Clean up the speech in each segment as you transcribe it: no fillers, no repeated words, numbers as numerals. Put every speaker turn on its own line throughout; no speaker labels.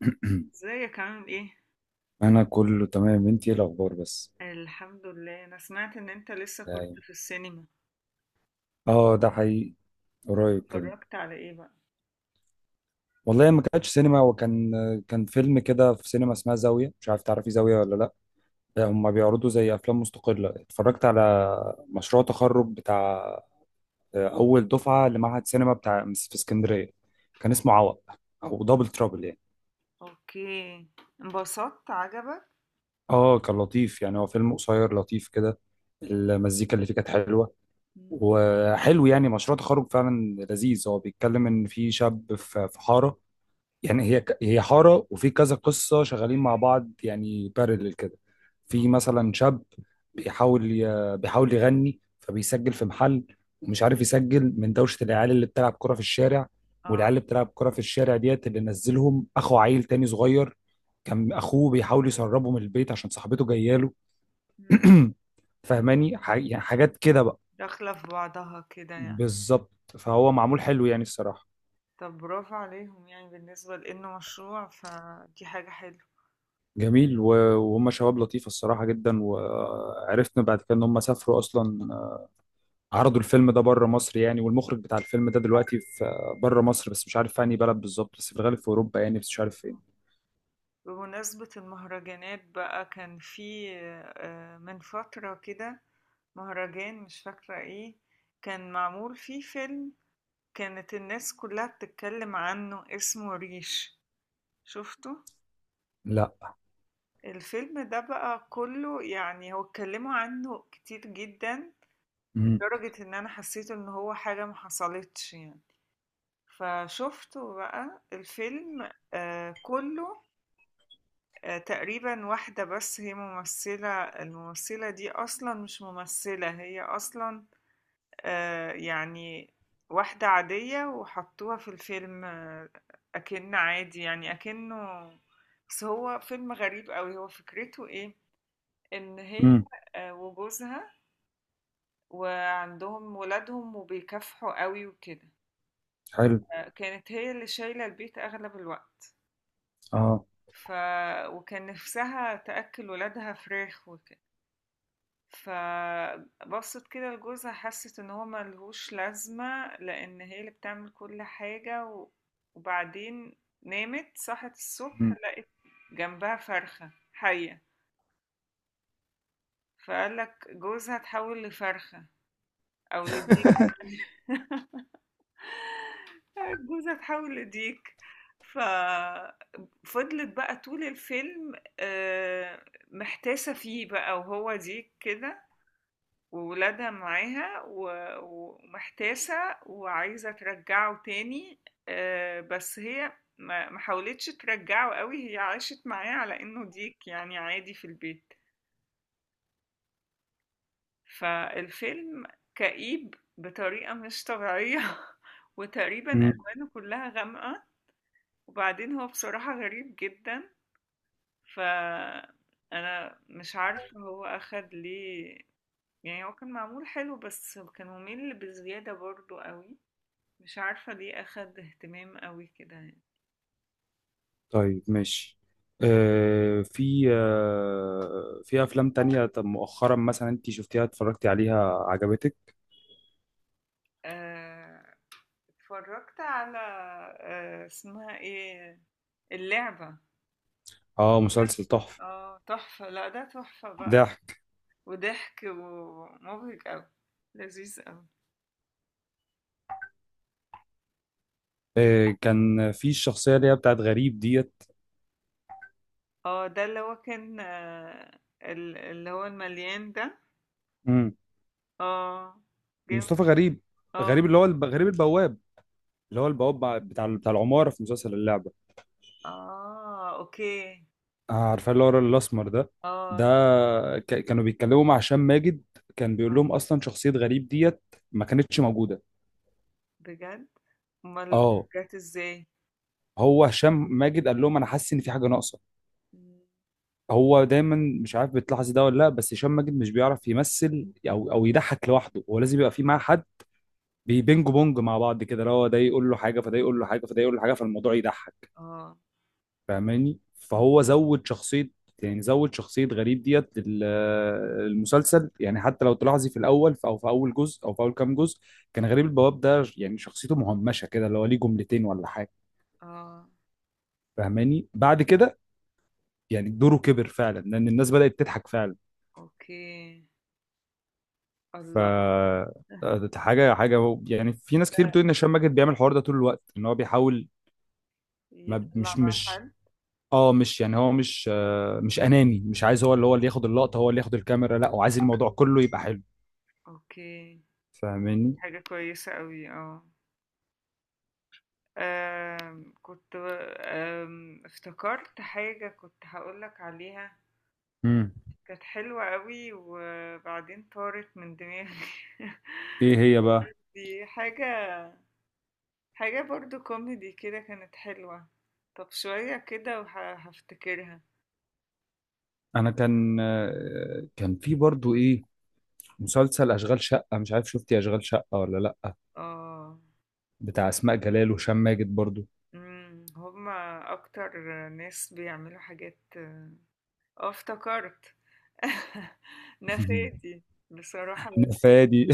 ازيك عامل ايه؟
انا كله تمام. انتي إيه الاخبار بس؟
الحمد لله، انا سمعت ان انت لسه كنت
يعني
في السينما.
اه، ده حقيقي.
طب
قريب كده.
اتفرجت على ايه بقى؟
والله ما كانتش سينما، وكان فيلم كده في سينما اسمها زاوية، مش عارف تعرفي زاوية ولا لا. هما بيعرضوا زي افلام مستقلة. اتفرجت على مشروع تخرج بتاع اول دفعة لمعهد سينما بتاع في اسكندرية. كان اسمه عوق، او دبل ترابل يعني.
اوكي. انبسطت عجبك؟
اه، كان لطيف يعني. هو فيلم قصير لطيف كده. المزيكا اللي فيه كانت حلوة.
مم.
وحلو يعني، مشروع تخرج فعلا لذيذ. هو بيتكلم ان في شاب في حاره. يعني هي حاره، وفي كذا قصه شغالين مع بعض، يعني بارلل كده. في مثلا شاب، بيحاول يغني، فبيسجل في محل، ومش عارف يسجل من دوشه العيال اللي بتلعب كره في الشارع. والعيال
اه.
اللي بتلعب كره في الشارع ديت اللي نزلهم اخو عيل تاني صغير. كان اخوه بيحاول يسربه من البيت عشان صاحبته جايه له.
مم.
فاهماني؟ يعني حاجات كده بقى.
داخلة في بعضها كده يعني.
بالظبط. فهو معمول حلو يعني الصراحة.
طب برافو عليهم، يعني بالنسبة لانه مشروع فدي حاجة حلوة.
جميل وهم شباب لطيفة الصراحة جدا. وعرفنا بعد كده ان هم سافروا اصلا. عرضوا الفيلم ده بره مصر يعني. والمخرج بتاع الفيلم ده دلوقتي في بره مصر، بس مش عارف في انهي بلد بالظبط، بس في الغالب في اوروبا يعني، بس مش عارف فين.
بمناسبة المهرجانات بقى كان في من فترة كده مهرجان مش فاكرة ايه. كان معمول فيه فيلم، كانت الناس كلّها بتتكلّم عنّه، اسمه ريش. شُفته؟
لا.
الفيلم ده بقى كلّه، يعني هو اتكلّموا عنّه كتير جدًا،
امم.
لدرجة إن أنا حسّيت إن هو حاجة ما حصلتش يعني. فشُفته بقى الفيلم كلّه. تقريبًا واحدة بس هي ممثّلة، الممثّلة دي أصلًا مش ممثّلة، هي أصلًا يعني واحدة عادية وحطوها في الفيلم. أكن عادي يعني أكنه. بس هو فيلم غريب قوي، هو فكرته إيه؟ إن هي
امم.
وجوزها وعندهم ولادهم وبيكافحوا قوي وكده.
حلو.
كانت هي اللي شايلة البيت أغلب الوقت.
اه.
ف... وكان نفسها تأكل ولادها فراخ وكده. فبصت كده لجوزها، حست إن هو ملهوش لازمة، لأن هي اللي بتعمل كل حاجة. وبعدين نامت، صحت الصبح
امم.
لقت جنبها فرخة حية. فقال لك جوزها تحول لفرخة أو لديك جوزها تحول لديك. ففضلت بقى طول الفيلم محتاسة فيه بقى وهو ديك كده، وولادها معاها ومحتاسة، وعايزة ترجعه تاني. بس هي ما حاولتش ترجعه قوي، هي عاشت معاه على انه ديك يعني عادي في البيت. فالفيلم كئيب بطريقة مش طبيعية وتقريبا
امم.
ألوانه كلها غامقة. وبعدين هو بصراحة غريب جدا. فأنا مش عارفة هو أخد ليه. يعني هو كان معمول حلو بس كان ممل بزيادة برضو قوي. مش عارفة ليه أخد اهتمام أوي كده يعني.
طيب ماشي. في افلام تانية. طب مؤخرا مثلا انت شفتيها، اتفرجتي عليها، عجبتك؟
آه، اتفرجت على اسمها ايه، اللعبة.
اه، مسلسل تحفة.
اه تحفة. لا ده تحفة بقى.
ده،
وضحك ومبهج أوي. لذيذ أوي.
كان في الشخصيه اللي هي بتاعت غريب ديت.
اه، ده اللي هو كان اللي هو المليان ده.
مم.
اه.
مصطفى
جامد.
غريب. غريب
اه.
اللي هو غريب البواب. اللي هو البواب، بتاع العماره في مسلسل اللعبه.
اه اوكي.
عارفاه، اللي هو الراجل الاسمر ده.
اه
ده.
ده-
كانوا بيتكلموا مع هشام ماجد. كان بيقول
آه،
لهم اصلا شخصيه غريب ديت ما كانتش موجوده.
بجد؟ امال
اه،
جت ازاي؟
هو هشام ماجد قال لهم: انا حاسس ان في حاجه ناقصه.
مم.
هو دايما، مش عارف بتلاحظي ده ولا لا، بس هشام ماجد مش بيعرف يمثل او يضحك لوحده. هو لازم يبقى في معاه حد، بيبينج بونج مع بعض كده، اللي هو ده يقول له حاجه، فده يقول له حاجه، فده يقول له حاجه، فالموضوع يضحك.
اه.
فاهماني؟
مم.
فهو زود شخصيه. يعني زود شخصيه غريب ديت المسلسل. يعني حتى لو تلاحظي في الاول، او في اول جزء، او في اول كام جزء، كان غريب البواب ده يعني شخصيته مهمشه كده، اللي هو ليه جملتين ولا حاجه.
اه
فاهماني؟ بعد كده، يعني دوره كبر فعلا لان الناس بدات تضحك فعلا.
اوكي.
ف
الله!
ده، حاجه حاجه يعني، في ناس كتير
ده
بتقول ان هشام ماجد بيعمل الحوار ده طول الوقت، ان هو بيحاول. ما
يطلّع
مش
مع
مش
حد؟
اه مش يعني، هو مش اناني، مش عايز هو اللي ياخد اللقطه، هو اللي ياخد الكاميرا. لا، هو عايز الموضوع كله يبقى حلو.
أوكي.
فاهماني؟
حاجة كويسة أوي آه. كنت افتكرت حاجة كنت هاقول لك عليها،
امم.
كانت حلوة أوي وبعدين طارت من دماغي.
ايه هي بقى؟
دي حاجة، حاجة برضه كوميدي كده كانت حلوة. طَب شوية كده هافتكرها.
انا كان في برضو ايه، مسلسل اشغال شقه. مش عارف شفتي اشغال شقه ولا لا،
آه.
بتاع اسماء جلال وهشام ماجد برضو.
هم أكتر ناس بيعملوا حاجات. آه، افتكرت. نفادي. بصراحة لذيذ.
نفادي.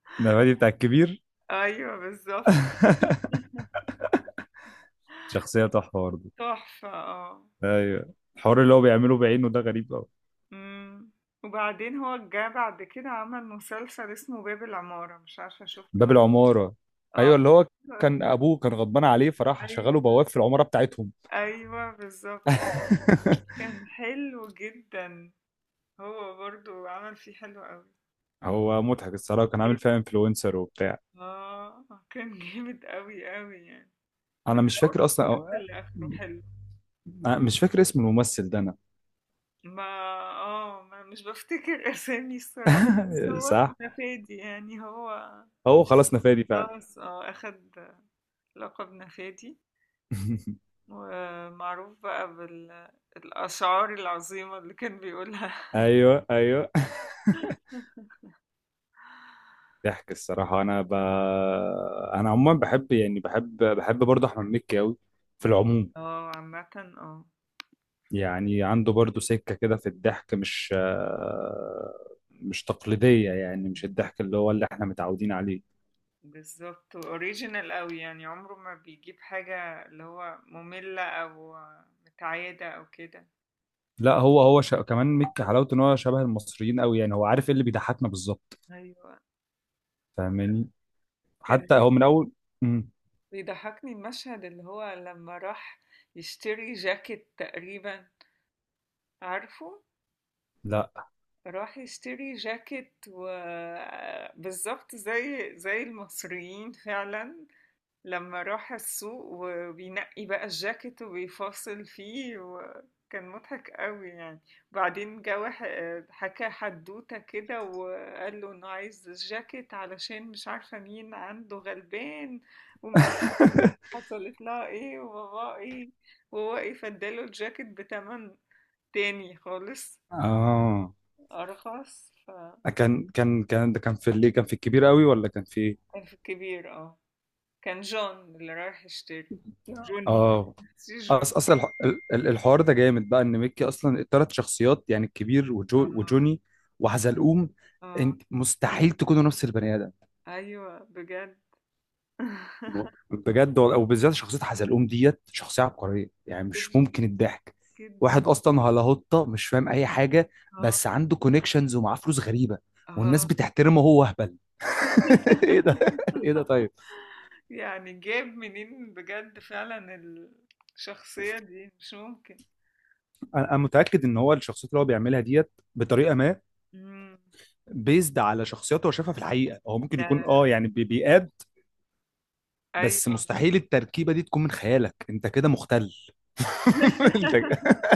نفادي بتاع الكبير.
أيوه بالظبط.
شخصيه تحفه برضو.
تحفة اه.
ايوه، الحوار اللي هو بيعمله بعينه ده غريب.
أمم. وبعدين هو جه بعد كده عمل مسلسل اسمه باب العمارة، مش عارفة شفته
باب العمارة.
اه.
ايوه، اللي هو كان ابوه كان غضبان عليه، فراح شغله
أيوه،
بواب في العمارة بتاعتهم.
أيوه بالظبط. كان حلو جدا. هو برضو عمل فيه حلو قوي.
هو مضحك الصراحة، كان عامل فيها انفلونسر وبتاع.
اه كان جامد قوي قوي يعني. من
انا مش
أول
فاكر اصلا
المسلسل لآخره حلو.
أنا مش فاكر اسم الممثل ده انا.
ما اه ما مش بفتكر اسامي الصراحة، بس هو كان
صح،
نفادي يعني هو.
هو خلاص نفادي فعلا.
خلاص اه اخد لقب نفادي، ومعروف بقى بالأشعار العظيمة اللي كان بيقولها.
ايوه، ايوه. ضحك الصراحة. أنا عموما بحب، يعني بحب برضه أحمد مكي أوي، في العموم.
اه عامة اه.
يعني عنده برضو سكة كده في الضحك، مش تقليدية. يعني مش الضحك اللي هو اللي احنا متعودين عليه.
بالظبط اوريجينال قوي يعني، عمره ما بيجيب حاجة اللي هو مملة او متعادة او كده.
لا، هو كمان، ميك حلاوته ان هو شبه المصريين قوي. يعني هو عارف ايه اللي بيضحكنا بالظبط.
ايوه.
فاهماني؟
كان
حتى هو من اول. مم.
بيضحكني المشهد اللي هو لما راح يشتري جاكيت تقريبا، عارفه؟
لا.
راح يشتري جاكيت وبالظبط زي المصريين فعلا. لما راح السوق وبينقي بقى الجاكيت وبيفاصل فيه وكان مضحك قوي يعني. وبعدين جه حكى حدوتة كده وقال له انه عايز الجاكيت علشان مش عارفة مين عنده غلبان، ومش عارفة حصلت لها ايه وبابا ايه، وهو ايه فاداله الجاكيت بتمن تاني خالص
اه،
أرخص.
كان ده. كان في اللي كان في الكبير قوي، ولا كان في ايه؟
الف كبير اه. كان جون اللي رايح يشتري. جوني.
اه،
سي جون.
أصل الحوار ده جامد بقى. إن ميكي أصلا التلات شخصيات، يعني الكبير، وجو،
اه.
وجوني، وحزلقوم.
اه
أنت مستحيل تكونوا نفس البني آدم.
ايوه بجد.
بجد. وبالذات شخصية حزلقوم ديت شخصية عبقرية. يعني مش
جدا
ممكن الضحك.
جدا.
واحد أصلا هلاهوطة، مش فاهم أي حاجة،
اه.
بس عنده كونكشنز ومعاه فلوس غريبة، والناس
اه.
بتحترمه وهو أهبل. ايه ده، ايه ده. طيب.
يعني جاب منين بجد فعلا؟ الشخصية دي مش ممكن.
أنا متاكد ان هو الشخصيات اللي هو بيعملها ديت بطريقه ما،
مم.
بيزد على شخصياته هو شافها في الحقيقه. هو ممكن يكون،
ده.
يعني بيقاد، بس
ايوه.
مستحيل التركيبه دي تكون من خيالك، انت كده مختل. انت.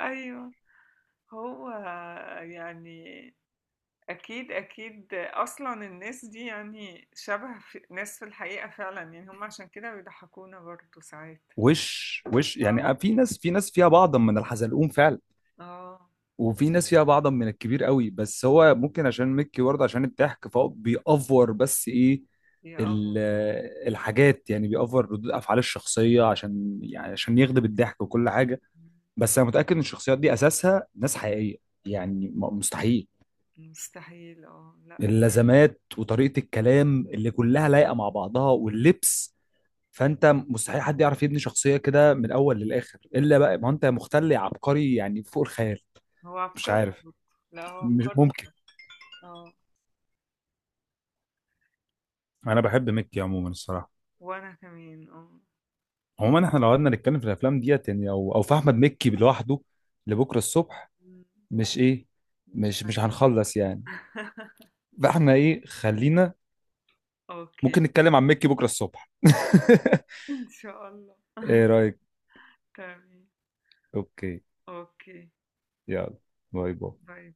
ايوه هو يعني، أكيد أكيد أصلا الناس دي يعني شبه في ناس في الحقيقة فعلا، يعني هم عشان كده بيضحكونا برضه ساعات.
وش
آه.
يعني، في ناس فيها بعضا من الحزلقوم فعلا.
اه.
وفي ناس فيها بعضا من الكبير قوي، بس هو ممكن عشان ميكي برضه، عشان الضحك فهو بيأفور. بس ايه،
يا اه.
ال- الحاجات، يعني بيأفور ردود افعال الشخصيه، عشان يعني عشان يغضب الضحك وكل حاجه. بس انا متأكد ان الشخصيات دي اساسها ناس حقيقيه، يعني مستحيل.
مستحيل اه. لا
اللزمات وطريقة الكلام اللي كلها لايقة مع بعضها، واللبس، فانت مستحيل حد يعرف يبني شخصية كده من الاول للاخر، الا بقى ما انت مختل عبقري يعني فوق الخيال.
هو
مش
عبقري
عارف.
برضه. لا هو
مش
عبقري
ممكن.
بجد. اه.
انا بحب مكي عموما الصراحه.
وأنا كمان اه.
عموما احنا لو قعدنا نتكلم في الافلام ديت يعني، او في احمد مكي لوحده، لبكره الصبح.
مم،
مش ايه،
مش
مش هنخلص يعني.
عارفة.
فاحنا ايه، خلينا،
أوكي.
ممكن نتكلم عن مكي بكره الصبح.
إن شاء الله.
ايه رايك؟
تمام.
اوكي.
أوكي.
يلا. باي باي.
باي